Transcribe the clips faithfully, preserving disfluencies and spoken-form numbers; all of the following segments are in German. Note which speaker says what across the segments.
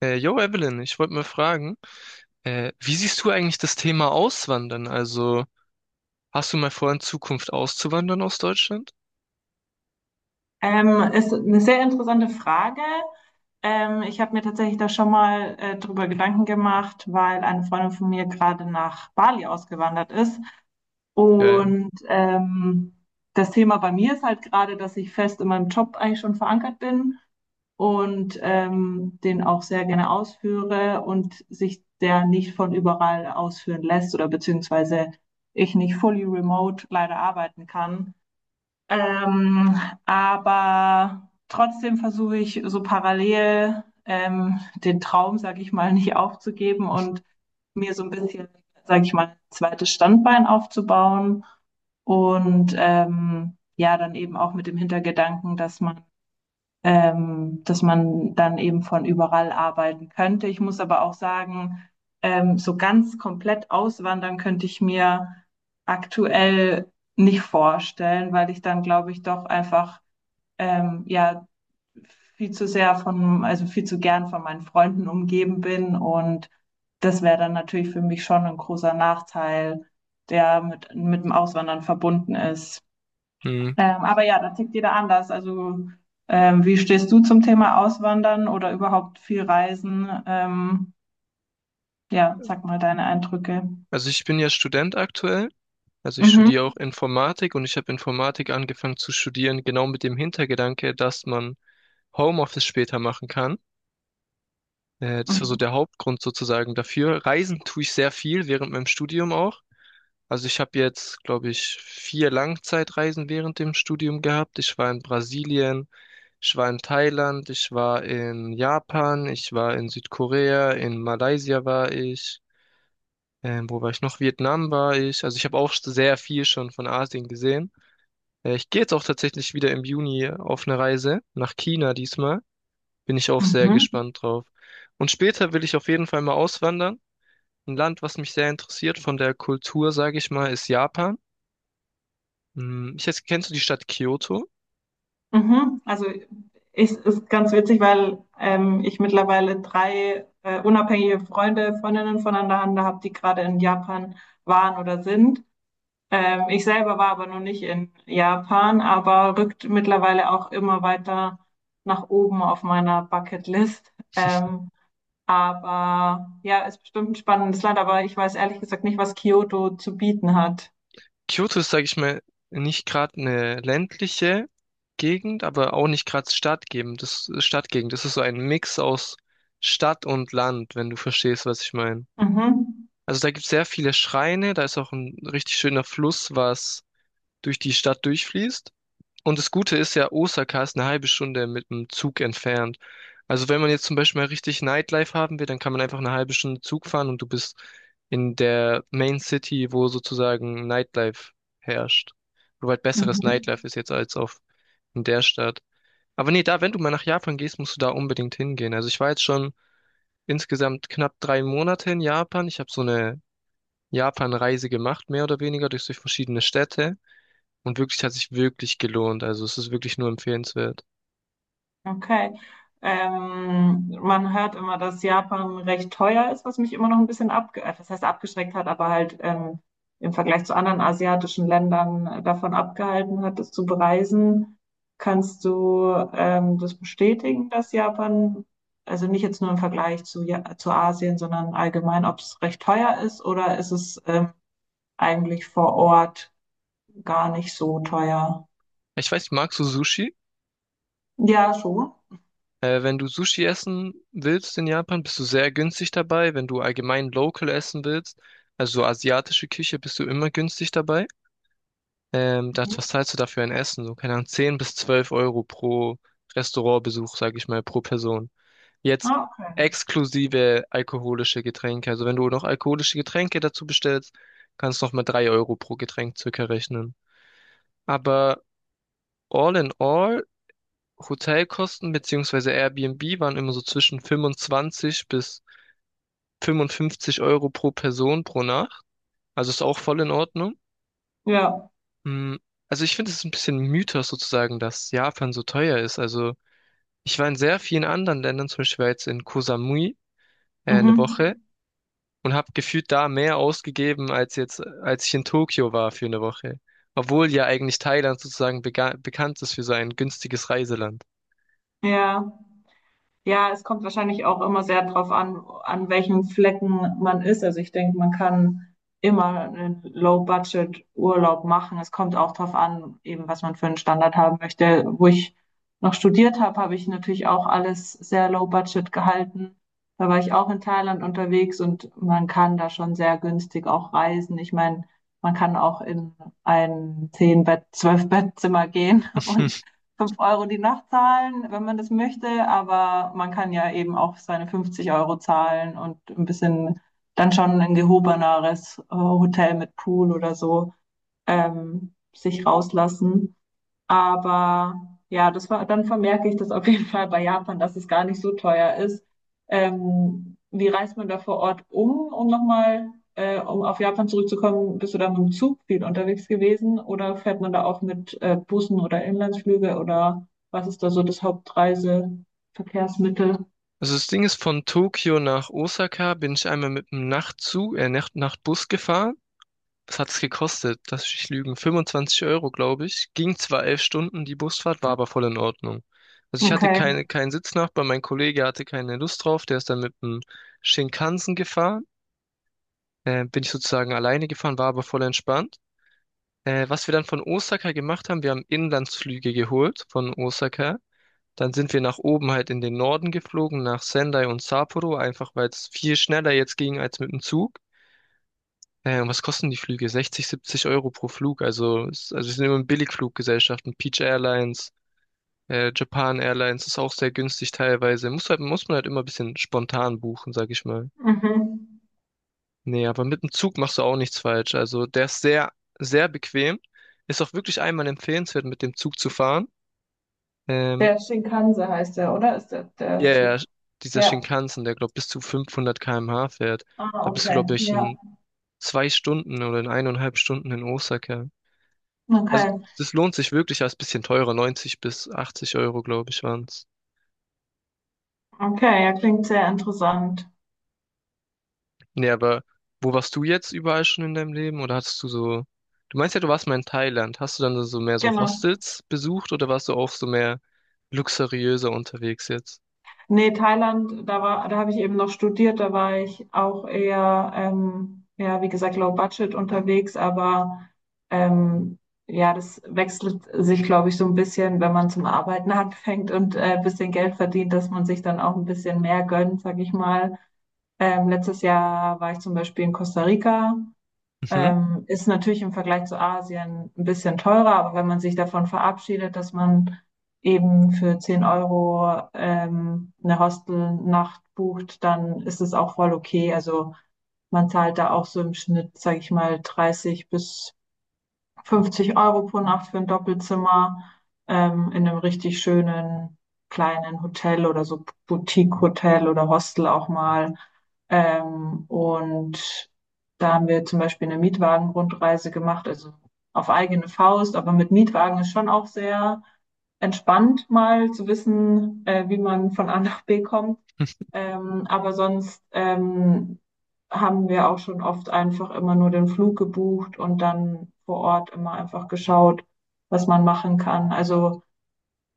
Speaker 1: Äh, yo, Evelyn, ich wollte mal fragen, äh, wie siehst du eigentlich das Thema Auswandern? Also, hast du mal vor, in Zukunft auszuwandern aus Deutschland?
Speaker 2: Ähm, ist eine sehr interessante Frage. Ähm, ich habe mir tatsächlich da schon mal äh, drüber Gedanken gemacht, weil eine Freundin von mir gerade nach Bali ausgewandert ist.
Speaker 1: Geil.
Speaker 2: Und ähm, das Thema bei mir ist halt gerade, dass ich fest in meinem Job eigentlich schon verankert bin und ähm, den auch sehr gerne ausführe und sich der nicht von überall ausführen lässt oder beziehungsweise ich nicht fully remote leider arbeiten kann. Ähm, aber trotzdem versuche ich so parallel ähm, den Traum, sage ich mal, nicht aufzugeben und mir so ein bisschen, sage ich mal, ein zweites Standbein aufzubauen. Und ähm, ja, dann eben auch mit dem Hintergedanken, dass man ähm, dass man dann eben von überall arbeiten könnte. Ich muss aber auch sagen, ähm, so ganz komplett auswandern könnte ich mir aktuell nicht vorstellen, weil ich dann, glaube ich, doch einfach ähm, ja viel zu sehr von, also viel zu gern von meinen Freunden umgeben bin und das wäre dann natürlich für mich schon ein großer Nachteil, der mit, mit dem Auswandern verbunden ist.
Speaker 1: Hm.
Speaker 2: Ähm, aber ja, da tickt jeder anders. Also, ähm, wie stehst du zum Thema Auswandern oder überhaupt viel Reisen? Ähm, ja, sag mal deine Eindrücke.
Speaker 1: Also, ich bin ja Student aktuell. Also, ich
Speaker 2: Mhm.
Speaker 1: studiere auch Informatik und ich habe Informatik angefangen zu studieren, genau mit dem Hintergedanke, dass man Homeoffice später machen kann. Äh, das war so der Hauptgrund sozusagen dafür. Reisen tue ich sehr viel während meinem Studium auch. Also ich habe jetzt, glaube ich, vier Langzeitreisen während dem Studium gehabt. Ich war in Brasilien, ich war in Thailand, ich war in Japan, ich war in Südkorea, in Malaysia war ich, ähm, wo war ich noch? Vietnam war ich. Also ich habe auch sehr viel schon von Asien gesehen. Äh, ich gehe jetzt auch tatsächlich wieder im Juni auf eine Reise nach China diesmal. Bin ich auch sehr
Speaker 2: Mhm.
Speaker 1: gespannt drauf. Und später will ich auf jeden Fall mal auswandern. Ein Land, was mich sehr interessiert von der Kultur, sage ich mal, ist Japan. Hm, ich jetzt, kennst du die Stadt Kyoto?
Speaker 2: Mhm. Also ich, ist ganz witzig, weil ähm, ich mittlerweile drei äh, unabhängige Freunde, Freundinnen voneinander habe, die gerade in Japan waren oder sind. Ähm, ich selber war aber noch nicht in Japan, aber rückt mittlerweile auch immer weiter nach oben auf meiner Bucketlist. Ähm, aber ja, ist bestimmt ein spannendes Land, aber ich weiß ehrlich gesagt nicht, was Kyoto zu bieten hat.
Speaker 1: Kyoto ist, sage ich mal, nicht gerade eine ländliche Gegend, aber auch nicht gerade Stadtgegend. Das Stadtgegend. Das ist so ein Mix aus Stadt und Land, wenn du verstehst, was ich meine.
Speaker 2: Mhm.
Speaker 1: Also da gibt es sehr viele Schreine, da ist auch ein richtig schöner Fluss, was durch die Stadt durchfließt. Und das Gute ist ja, Osaka ist eine halbe Stunde mit dem Zug entfernt. Also wenn man jetzt zum Beispiel mal richtig Nightlife haben will, dann kann man einfach eine halbe Stunde Zug fahren und du bist in der Main City, wo sozusagen Nightlife herrscht. Wo halt besseres
Speaker 2: Mhm.
Speaker 1: Nightlife ist jetzt als auf in der Stadt. Aber nee, da, wenn du mal nach Japan gehst, musst du da unbedingt hingehen. Also ich war jetzt schon insgesamt knapp drei Monate in Japan. Ich habe so eine Japan-Reise gemacht, mehr oder weniger durch, durch verschiedene Städte. Und wirklich hat sich wirklich gelohnt. Also es ist wirklich nur empfehlenswert.
Speaker 2: Okay. Ähm, man hört immer, dass Japan recht teuer ist, was mich immer noch ein bisschen abge äh, das heißt abgeschreckt hat, aber halt ähm, im Vergleich zu anderen asiatischen Ländern äh, davon abgehalten hat, es zu bereisen. Kannst du ähm, das bestätigen, dass Japan, also nicht jetzt nur im Vergleich zu, ja zu Asien, sondern allgemein, ob es recht teuer ist oder ist es ähm, eigentlich vor Ort gar nicht so teuer?
Speaker 1: Ich weiß, magst du Sushi?
Speaker 2: Ja, schon.
Speaker 1: Äh, wenn du Sushi essen willst in Japan, bist du sehr günstig dabei. Wenn du allgemein local essen willst, also so asiatische Küche, bist du immer günstig dabei. Ähm, das,
Speaker 2: Mhm.
Speaker 1: was zahlst du dafür ein Essen? So, keine Ahnung, zehn bis zwölf Euro pro Restaurantbesuch, sage ich mal, pro Person. Jetzt
Speaker 2: Ah, okay.
Speaker 1: exklusive alkoholische Getränke. Also wenn du noch alkoholische Getränke dazu bestellst, kannst du noch mal drei Euro pro Getränk circa rechnen. Aber all in all, Hotelkosten beziehungsweise Airbnb waren immer so zwischen fünfundzwanzig bis fünfundfünfzig Euro pro Person pro Nacht. Also ist auch voll in Ordnung.
Speaker 2: Ja.
Speaker 1: Mm, also ich finde, es ist ein bisschen Mythos sozusagen, dass Japan so teuer ist. Also ich war in sehr vielen anderen Ländern, zum Beispiel war jetzt in Koh Samui äh, eine
Speaker 2: Mhm.
Speaker 1: Woche und habe gefühlt da mehr ausgegeben als jetzt, als ich in Tokio war für eine Woche. Obwohl ja eigentlich Thailand sozusagen bega- bekannt ist für sein günstiges Reiseland.
Speaker 2: Ja, ja, es kommt wahrscheinlich auch immer sehr drauf an, an welchen Flecken man ist. Also ich denke, man kann immer einen Low-Budget-Urlaub machen. Es kommt auch drauf an, eben was man für einen Standard haben möchte. Wo ich noch studiert habe, habe ich natürlich auch alles sehr Low-Budget gehalten. Da war ich auch in Thailand unterwegs und man kann da schon sehr günstig auch reisen. Ich meine, man kann auch in ein zehn bett zwölf bettzimmer gehen und Fünf Euro die Nacht zahlen, wenn man das möchte, aber man kann ja eben auch seine fünfzig Euro zahlen und ein bisschen dann schon ein gehobeneres äh, Hotel mit Pool oder so ähm, sich rauslassen. Aber ja, das war, dann vermerke ich das auf jeden Fall bei Japan, dass es gar nicht so teuer ist. Ähm, wie reist man da vor Ort um, um nochmal, äh, um auf Japan zurückzukommen? Bist du da mit dem Zug viel unterwegs gewesen oder fährt man da auch mit äh, Bussen oder Inlandsflüge oder was ist da so das Hauptreiseverkehrsmittel?
Speaker 1: Also das Ding ist, von Tokio nach Osaka bin ich einmal mit einem Nachtzug, äh, Nacht, Nachtbus gefahren. Was hat es gekostet? Lass mich nicht lügen. fünfundzwanzig Euro, glaube ich. Ging zwar elf Stunden, die Busfahrt war aber voll in Ordnung. Also ich hatte
Speaker 2: Okay.
Speaker 1: keine, keinen Sitznachbar, mein Kollege hatte keine Lust drauf, der ist dann mit einem Shinkansen gefahren. Äh, bin ich sozusagen alleine gefahren, war aber voll entspannt. Äh, was wir dann von Osaka gemacht haben, wir haben Inlandsflüge geholt von Osaka. Dann sind wir nach oben halt in den Norden geflogen, nach Sendai und Sapporo, einfach weil es viel schneller jetzt ging als mit dem Zug. Äh, was kosten die Flüge? sechzig, siebzig Euro pro Flug. Also, es- also wir sind immer in Billigfluggesellschaften. Peach Airlines, äh, Japan Airlines ist auch sehr günstig teilweise. Muss halt, muss man halt immer ein bisschen spontan buchen, sag ich mal.
Speaker 2: Mhm.
Speaker 1: Nee, aber mit dem Zug machst du auch nichts falsch. Also der ist sehr, sehr bequem. Ist auch wirklich einmal empfehlenswert, mit dem Zug zu fahren. Ähm,
Speaker 2: Der Shinkansen heißt der, oder? Ist der,
Speaker 1: Ja,
Speaker 2: der
Speaker 1: ja,
Speaker 2: Zug?
Speaker 1: dieser
Speaker 2: Ja.
Speaker 1: Shinkansen, der glaube bis zu fünfhundert Kilometer pro Stunde fährt.
Speaker 2: Ah,
Speaker 1: Da bist du,
Speaker 2: okay.
Speaker 1: glaube ich,
Speaker 2: Ja,
Speaker 1: in zwei Stunden oder in eineinhalb Stunden in Osaka. Also,
Speaker 2: okay.
Speaker 1: das lohnt sich wirklich, als bisschen teurer. neunzig bis achtzig Euro, glaube ich, waren's.
Speaker 2: Okay, ja, klingt sehr interessant.
Speaker 1: Nee, aber wo warst du jetzt überall schon in deinem Leben? Oder hattest du so. Du meinst ja, du warst mal in Thailand. Hast du dann so so mehr so
Speaker 2: Genau.
Speaker 1: Hostels besucht oder warst du auch so mehr luxuriöser unterwegs jetzt?
Speaker 2: Nee, Thailand, da war, da habe ich eben noch studiert, da war ich auch eher, ähm, ja, wie gesagt, low budget unterwegs, aber ähm, ja, das wechselt sich, glaube ich, so ein bisschen, wenn man zum Arbeiten anfängt und äh, ein bisschen Geld verdient, dass man sich dann auch ein bisschen mehr gönnt, sag ich mal. Ähm, letztes Jahr war ich zum Beispiel in Costa Rica.
Speaker 1: Mhm.
Speaker 2: Ähm, ist natürlich im Vergleich zu Asien ein bisschen teurer, aber wenn man sich davon verabschiedet, dass man eben für zehn Euro ähm, eine Hostelnacht bucht, dann ist es auch voll okay. Also man zahlt da auch so im Schnitt, sage ich mal, dreißig bis fünfzig Euro pro Nacht für ein Doppelzimmer ähm, in einem richtig schönen kleinen Hotel oder so Boutique-Hotel oder Hostel auch mal. Ähm, und da haben wir zum Beispiel eine Mietwagen-Rundreise gemacht, also auf eigene Faust, aber mit Mietwagen ist schon auch sehr entspannt, mal zu wissen, äh, wie man von A nach B kommt. Ähm, aber sonst ähm, haben wir auch schon oft einfach immer nur den Flug gebucht und dann vor Ort immer einfach geschaut, was man machen kann. Also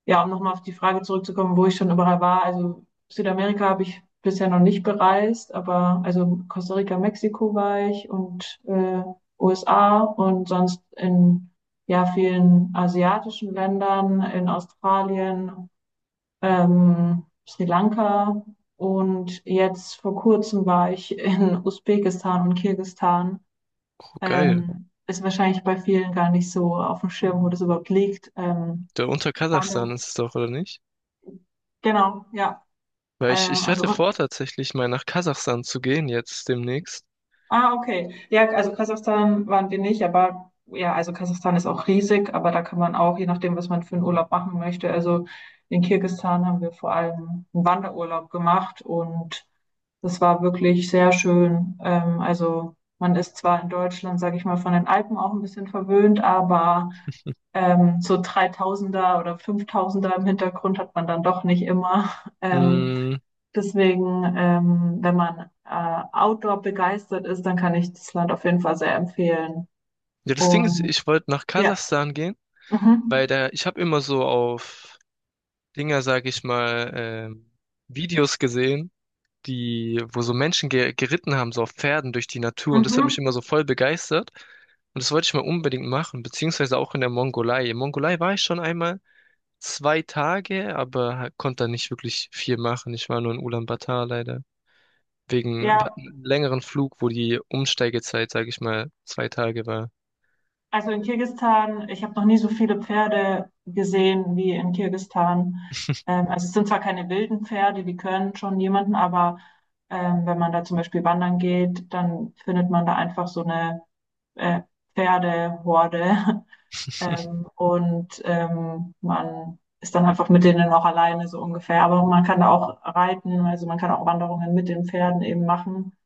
Speaker 2: ja, um nochmal auf die Frage zurückzukommen, wo ich schon überall war. Also Südamerika habe ich bisher noch nicht bereist, aber also Costa Rica, Mexiko war ich und äh, U S A und sonst in ja vielen asiatischen Ländern, in Australien, ähm, Sri Lanka und jetzt vor kurzem war ich in Usbekistan und Kirgisistan.
Speaker 1: Oh, geil.
Speaker 2: Ähm, ist wahrscheinlich bei vielen gar nicht so auf dem Schirm, wo das überhaupt liegt. Ähm,
Speaker 1: Da unter
Speaker 2: waren
Speaker 1: Kasachstan
Speaker 2: wir-
Speaker 1: ist es doch, oder nicht?
Speaker 2: genau, ja.
Speaker 1: Weil ich,
Speaker 2: Ähm,
Speaker 1: ich hatte
Speaker 2: also,
Speaker 1: vor, tatsächlich mal nach Kasachstan zu gehen, jetzt demnächst.
Speaker 2: ah, okay. Ja, also Kasachstan waren wir nicht, aber ja, also Kasachstan ist auch riesig, aber da kann man auch, je nachdem, was man für einen Urlaub machen möchte, also in Kirgisistan haben wir vor allem einen Wanderurlaub gemacht und das war wirklich sehr schön. Ähm, also man ist zwar in Deutschland, sage ich mal, von den Alpen auch ein bisschen verwöhnt, aber ähm, so dreitausender oder fünftausender im Hintergrund hat man dann doch nicht immer. Ähm,
Speaker 1: Mm,
Speaker 2: deswegen, ähm, wenn man äh, Outdoor begeistert ist, dann kann ich das Land auf jeden Fall sehr empfehlen.
Speaker 1: ja, das Ding ist,
Speaker 2: Und
Speaker 1: ich wollte nach
Speaker 2: ja,
Speaker 1: Kasachstan gehen, weil
Speaker 2: mhm.
Speaker 1: da, ich habe immer so auf Dinger, sag ich mal, ähm, Videos gesehen, die, wo so Menschen ge geritten haben, so auf Pferden durch die Natur. Und das hat mich
Speaker 2: Mhm.
Speaker 1: immer so voll begeistert. Und das wollte ich mal unbedingt machen, beziehungsweise auch in der Mongolei. In Mongolei war ich schon einmal zwei Tage, aber ha- konnte da nicht wirklich viel machen. Ich war nur in Ulaanbaatar leider. Wegen, wir
Speaker 2: Ja.
Speaker 1: hatten einen längeren Flug, wo die Umsteigezeit, sage ich mal, zwei Tage war.
Speaker 2: Also in Kirgisistan, ich habe noch nie so viele Pferde gesehen wie in Kirgisistan. Ähm, also es sind zwar keine wilden Pferde, die können schon jemanden, aber ähm, wenn man da zum Beispiel wandern geht, dann findet man da einfach so eine äh, Pferdehorde. Ähm, und ähm, man ist dann einfach mit denen auch alleine so ungefähr. Aber man kann da auch reiten, also man kann auch Wanderungen mit den Pferden eben machen.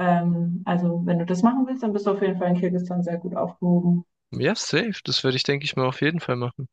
Speaker 2: Ähm, also wenn du das machen willst, dann bist du auf jeden Fall in Kirgisistan sehr gut aufgehoben.
Speaker 1: Ja, safe. Das würde ich, denke ich mal, auf jeden Fall machen.